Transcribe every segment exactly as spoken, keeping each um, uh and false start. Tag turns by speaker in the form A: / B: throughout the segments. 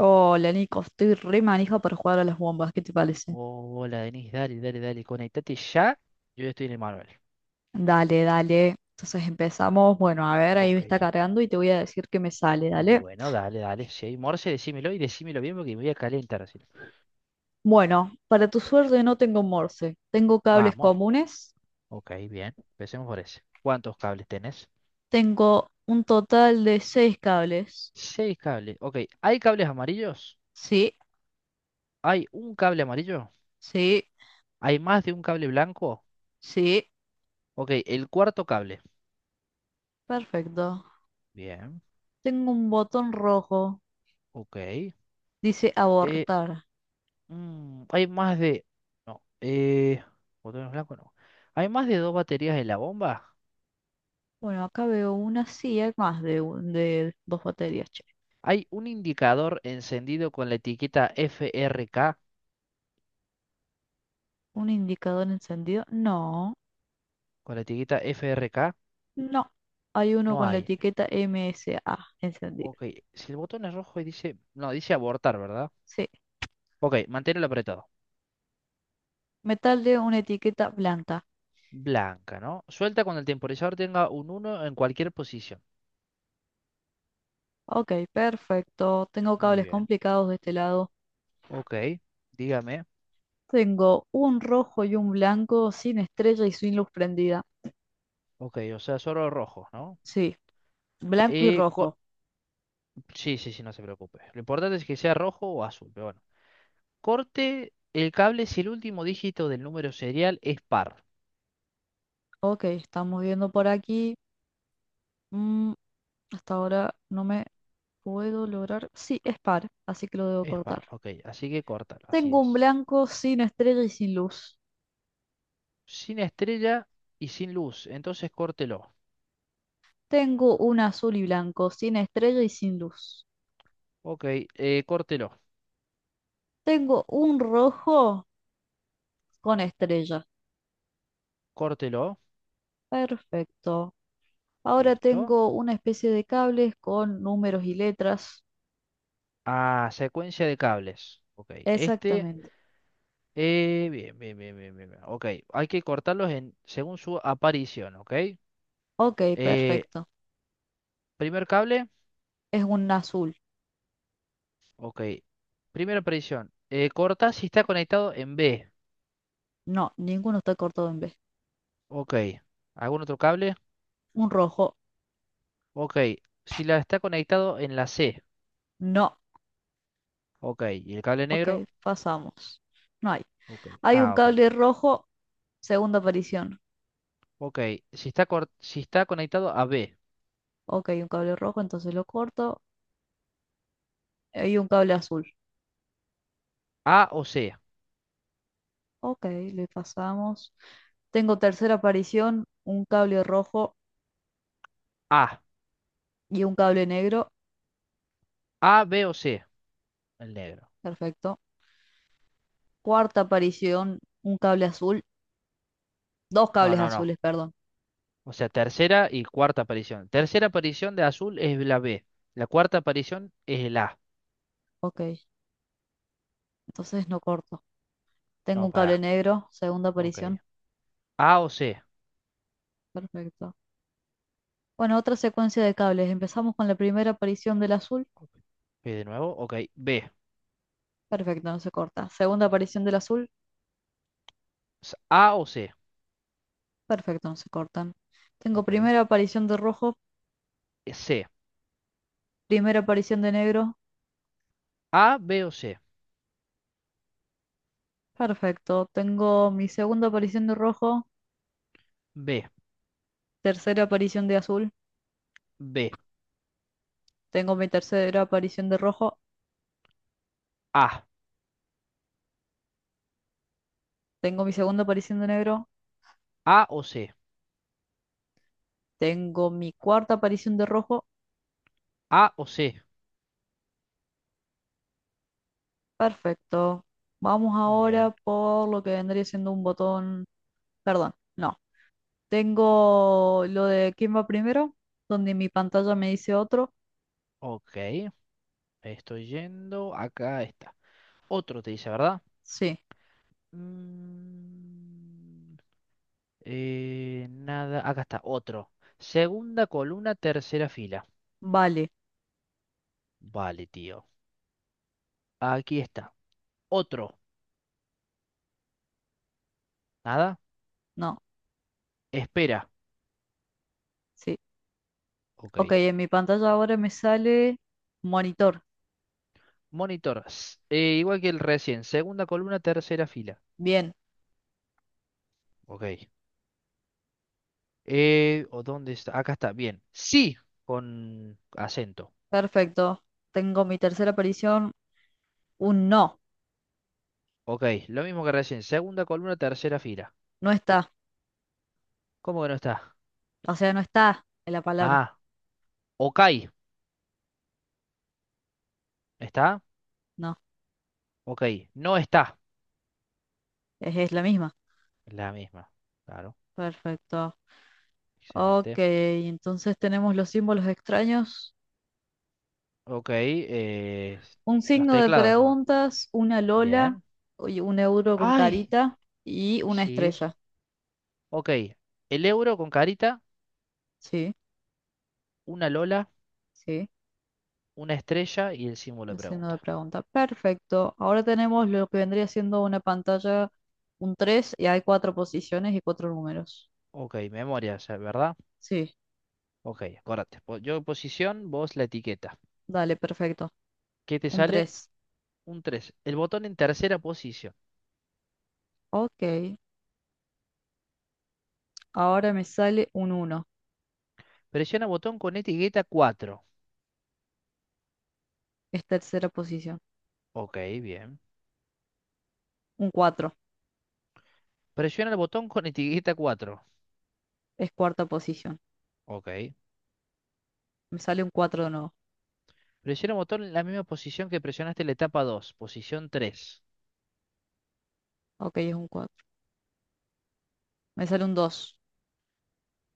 A: Hola Nico, estoy re manija para jugar a las bombas, ¿qué te parece?
B: Hola, Denis, dale, dale, dale, conectate ya. Yo ya estoy en el manual.
A: Dale, dale. Entonces empezamos. Bueno, a ver, ahí me
B: Ok.
A: está cargando y te voy a decir que me sale, dale.
B: Bueno, dale, dale. Si hay Morse, decímelo y decímelo bien porque me voy a calentar así.
A: Bueno, para tu suerte no tengo Morse, tengo cables
B: Vamos.
A: comunes,
B: Ok, bien. Empecemos por ese. ¿Cuántos cables tenés?
A: tengo un total de seis cables.
B: Seis cables. Ok. ¿Hay cables amarillos?
A: Sí,
B: ¿Hay un cable amarillo?
A: sí,
B: ¿Hay más de un cable blanco?
A: sí,
B: Ok, el cuarto cable.
A: perfecto.
B: Bien.
A: Tengo un botón rojo,
B: Ok.
A: dice
B: Eh,
A: abortar.
B: mm, ¿hay más de... No. Eh, botones blancos no. ¿Hay más de dos baterías en la bomba?
A: Bueno, acá veo una, sí, hay más de, un- de dos baterías, che.
B: Hay un indicador encendido con la etiqueta F R K.
A: ¿Un indicador encendido? No.
B: Con la etiqueta F R K
A: No, hay uno
B: no
A: con la
B: hay.
A: etiqueta M S A encendido.
B: Ok, si el botón es rojo y dice... No, dice abortar, ¿verdad?
A: Sí,
B: Ok, manténlo apretado.
A: metal de una etiqueta blanca.
B: Blanca, ¿no? Suelta cuando el temporizador tenga un uno en cualquier posición.
A: Ok, perfecto. Tengo
B: Muy
A: cables
B: bien.
A: complicados de este lado.
B: Ok, dígame.
A: Tengo un rojo y un blanco sin estrella y sin luz prendida.
B: Ok, o sea, solo rojo, ¿no?
A: Sí, blanco y
B: Eh, co-
A: rojo.
B: sí, sí, sí, no se preocupe. Lo importante es que sea rojo o azul, pero bueno. Corte el cable si el último dígito del número serial es par.
A: Ok, estamos viendo por aquí. Mm, hasta ahora no me puedo lograr. Sí, es par, así que lo debo
B: Es
A: cortar.
B: par, ok. Así que córtalo, así
A: Tengo un
B: es.
A: blanco sin estrella y sin luz.
B: Sin estrella y sin luz, entonces córtelo.
A: Tengo un azul y blanco sin estrella y sin luz.
B: Ok, eh, córtelo,
A: Tengo un rojo con estrellas.
B: córtelo.
A: Perfecto. Ahora
B: Listo.
A: tengo una especie de cables con números y letras.
B: Ah, secuencia de cables. Ok, este.
A: Exactamente.
B: Eh, bien, bien, bien, bien, bien, bien. Ok, hay que cortarlos en, según su aparición, ok.
A: Ok,
B: Eh,
A: perfecto.
B: primer cable,
A: Es un azul.
B: ok. Primera aparición. Eh, corta si está conectado en B.
A: No, ninguno está cortado en B.
B: Ok. ¿Algún otro cable?
A: Un rojo.
B: Ok. Si la está conectado en la C.
A: No.
B: Ok. ¿Y el cable
A: Ok,
B: negro?
A: pasamos. No hay.
B: Ok.
A: Hay un
B: Ah, ok.
A: cable rojo, segunda aparición.
B: Ok. Si está, cor- si está conectado a B,
A: Ok, un cable rojo, entonces lo corto. Hay un cable azul.
B: A o C.
A: Ok, le pasamos. Tengo tercera aparición, un cable rojo
B: A.
A: y un cable negro.
B: A, B o C. El negro.
A: Perfecto. Cuarta aparición, un cable azul. Dos
B: No,
A: cables
B: no, no.
A: azules, perdón.
B: O sea, tercera y cuarta aparición. Tercera aparición de azul es la B. La cuarta aparición es el A.
A: Ok, entonces no corto. Tengo
B: No,
A: un cable
B: pará.
A: negro, segunda
B: Ok.
A: aparición.
B: A o C.
A: Perfecto. Bueno, otra secuencia de cables. Empezamos con la primera aparición del azul.
B: Ok. Eh, de nuevo, ok. B.
A: Perfecto, no se corta. Segunda aparición del azul.
B: S- A o C.
A: Perfecto, no se cortan. Tengo
B: Ok. Eh,
A: primera aparición de rojo,
B: C.
A: primera aparición de negro.
B: A, B o C.
A: Perfecto. Tengo mi segunda aparición de rojo,
B: B.
A: tercera aparición de azul.
B: B.
A: Tengo mi tercera aparición de rojo.
B: A.
A: Tengo mi segunda aparición de negro.
B: A o C.
A: Tengo mi cuarta aparición de rojo.
B: A o C.
A: Perfecto. Vamos
B: Muy bien.
A: ahora por lo que vendría siendo un botón. Perdón, no. Tengo lo de quién va primero, donde mi pantalla me dice otro.
B: Ok. Estoy yendo. Acá está. Otro te dice, ¿verdad?
A: Sí,
B: Mm, Eh, nada, acá está, otro. Segunda columna, tercera fila.
A: vale,
B: Vale, tío. Aquí está. Otro. Nada.
A: no,
B: Espera.
A: sí.
B: Ok.
A: Ok, en mi pantalla ahora me sale monitor.
B: Monitor. S- eh, igual que el recién. Segunda columna, tercera fila.
A: Bien,
B: Ok. Eh, ¿o dónde está? Acá está. Bien. Sí. Con acento.
A: perfecto. Tengo mi tercera aparición, un no.
B: Ok. Lo mismo que recién. Segunda columna, tercera fila.
A: No está,
B: ¿Cómo que no está?
A: o sea, no está en la palabra.
B: Ah. Ok. ¿Está?
A: No,
B: Ok. No está.
A: es, es la misma.
B: La misma. Claro.
A: Perfecto. Ok,
B: Excelente.
A: entonces tenemos los símbolos extraños.
B: Ok. Eh,
A: Un
B: los
A: signo de
B: teclados nomás.
A: preguntas, una lola,
B: Bien.
A: oye, un euro con
B: Ay.
A: carita y una
B: Sí.
A: estrella.
B: Ok. El euro con carita,
A: Sí,
B: una lola,
A: sí,
B: una estrella y el símbolo de
A: el signo de
B: pregunta.
A: pregunta. Perfecto. Ahora tenemos lo que vendría siendo una pantalla, un tres y hay cuatro posiciones y cuatro números.
B: Ok. Memoria, o sea, ¿verdad?
A: Sí,
B: Ok. Acordate. po- Yo posición, vos la etiqueta.
A: dale, perfecto.
B: ¿Qué te
A: Un
B: sale?
A: tres.
B: Un tres. El botón en tercera posición.
A: Ok, ahora me sale un uno.
B: Presiona botón con etiqueta cuatro.
A: Es tercera posición.
B: Ok. Bien.
A: Un cuatro.
B: Presiona el botón con etiqueta cuatro.
A: Es cuarta posición.
B: Ok.
A: Me sale un cuatro de nuevo.
B: Presiona el botón en la misma posición que presionaste en la etapa dos, posición tres.
A: Ok, es un cuatro. Me sale un dos.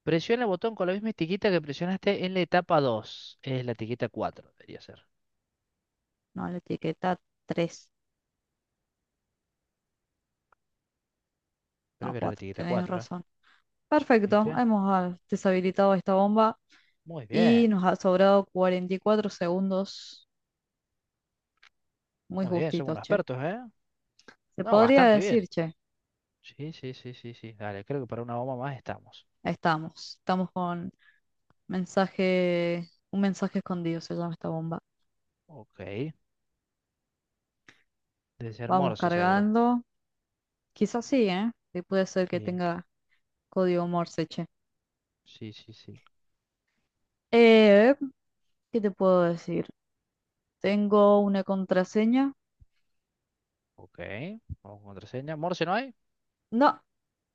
B: Presiona el botón con la misma etiqueta que presionaste en la etapa dos. Es la etiqueta cuatro debería ser.
A: No, la etiqueta tres.
B: Creo
A: No,
B: que era la
A: cuatro.
B: etiqueta
A: Tenés
B: cuatro, ¿eh?
A: razón. Perfecto.
B: ¿Viste?
A: Hemos ah, deshabilitado esta bomba
B: Muy
A: y
B: bien,
A: nos ha sobrado cuarenta y cuatro segundos. Muy
B: muy bien, somos
A: justitos,
B: unos
A: che.
B: expertos, ¿eh?
A: Se
B: No,
A: podría
B: bastante bien.
A: decir, che.
B: Sí, sí, sí, sí, sí. Dale, creo que para una bomba más estamos.
A: Estamos. Estamos con mensaje. Un mensaje escondido se llama esta bomba.
B: Ok, debe ser
A: Vamos
B: Morse seguro.
A: cargando. Quizás sí, ¿eh? Sí, puede ser que
B: Bien.
A: tenga código Morse, che.
B: Sí, sí, sí.
A: Eh, ¿qué te puedo decir? Tengo una contraseña.
B: Ok, vamos con contraseña. ¿Morse no hay?
A: No,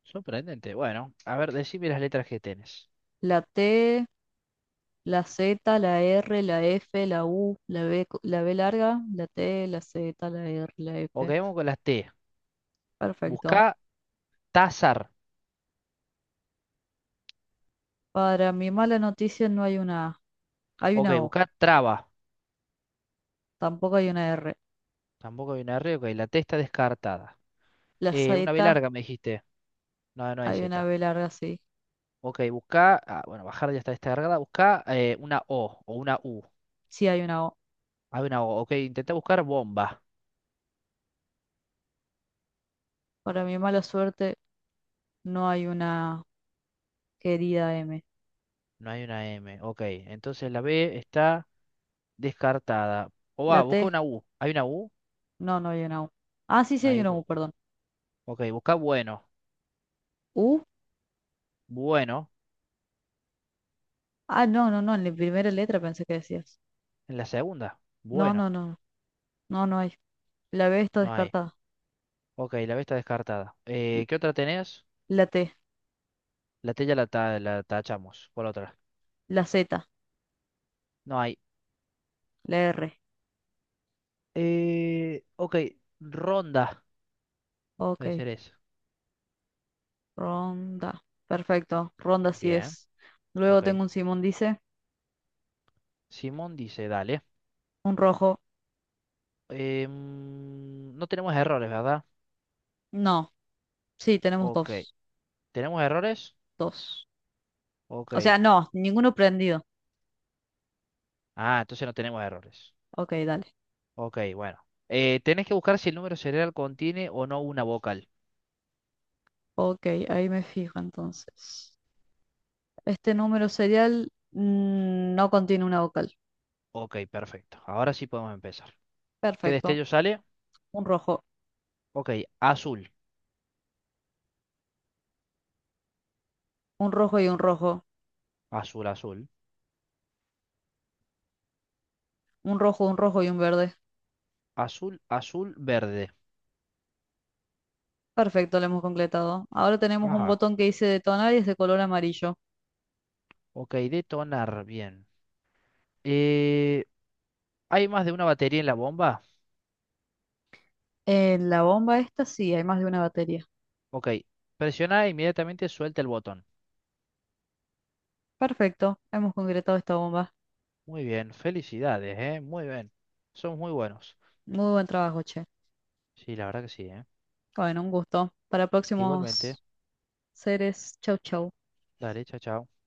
B: Sorprendente. Bueno, a ver, decime las letras que tenés.
A: la T, la Z, la R, la F, la U, la B, co- la B larga, la T, la Z, la R, la
B: Ok,
A: F.
B: vamos con las T.
A: Perfecto.
B: Busca Tazar.
A: Para mi mala noticia no hay una A, hay
B: Ok,
A: una O,
B: buscá traba.
A: tampoco hay una R.
B: Tampoco hay una R. Ok, la T está descartada.
A: La
B: Eh, una B
A: Z,
B: larga me dijiste. No, no hay
A: hay una
B: Z.
A: B larga, sí,
B: Ok, buscá. Ah, bueno, bajar ya está descargada. Buscá eh, una O o una U.
A: sí hay una O.
B: Hay una O. Ok, intentá buscar bomba.
A: Para mi mala suerte no hay una querida M.
B: No hay una M. Ok, entonces la B está descartada. O va,
A: La
B: busca
A: T,
B: una U. ¿Hay una U?
A: no, no hay una U. Ah, sí, sí
B: No
A: hay
B: hay.
A: una
B: U.
A: U, perdón.
B: Ok, buscá bueno.
A: U,
B: Bueno.
A: ah, no, no, no, en la primera letra pensé que decías.
B: En la segunda.
A: No, no,
B: Bueno.
A: no, no, no hay. La B está
B: No hay.
A: descartada.
B: Ok, la B está descartada.
A: L-
B: Eh, ¿qué otra tenés?
A: La T.
B: La T ya la, ta- la tachamos por otra.
A: La Z,
B: No hay.
A: la R.
B: Eh, ok, ronda
A: Ok,
B: de ser eso.
A: ronda. Perfecto, ronda sí
B: Bien,
A: es. Luego
B: ok.
A: tengo un Simón, dice.
B: Simón dice, dale.
A: Un rojo.
B: Em, no tenemos errores, ¿verdad?
A: No, sí, tenemos
B: Ok.
A: dos.
B: ¿Tenemos errores?
A: Dos. O
B: Ok.
A: sea, no, ninguno prendido.
B: Ah, entonces no tenemos errores.
A: Ok, dale.
B: Ok, bueno. Eh, tenés que buscar si el número cerebral contiene o no una vocal.
A: Ok, ahí me fijo entonces. Este número serial mm, no contiene una vocal.
B: Ok, perfecto. Ahora sí podemos empezar. ¿Qué
A: Perfecto.
B: destello sale?
A: Un rojo,
B: Ok, azul.
A: un rojo y un rojo.
B: Azul, azul.
A: Un rojo, un rojo y un verde.
B: Azul, azul, verde.
A: Perfecto, lo hemos completado. Ahora tenemos un
B: Ajá.
A: botón que dice detonar y es de color amarillo.
B: Ok, detonar. Bien. Eh, ¿hay más de una batería en la bomba?
A: En la bomba esta sí, hay más de una batería.
B: Ok, presiona e inmediatamente suelta el botón.
A: Perfecto, hemos concretado esta bomba.
B: Muy bien, felicidades, ¿eh? Muy bien. Son muy buenos.
A: Muy buen trabajo, che.
B: Sí, la verdad que sí, ¿eh?
A: Bueno, un gusto. Para
B: Igualmente.
A: próximos seres, chau chau.
B: Dale, chao, chao.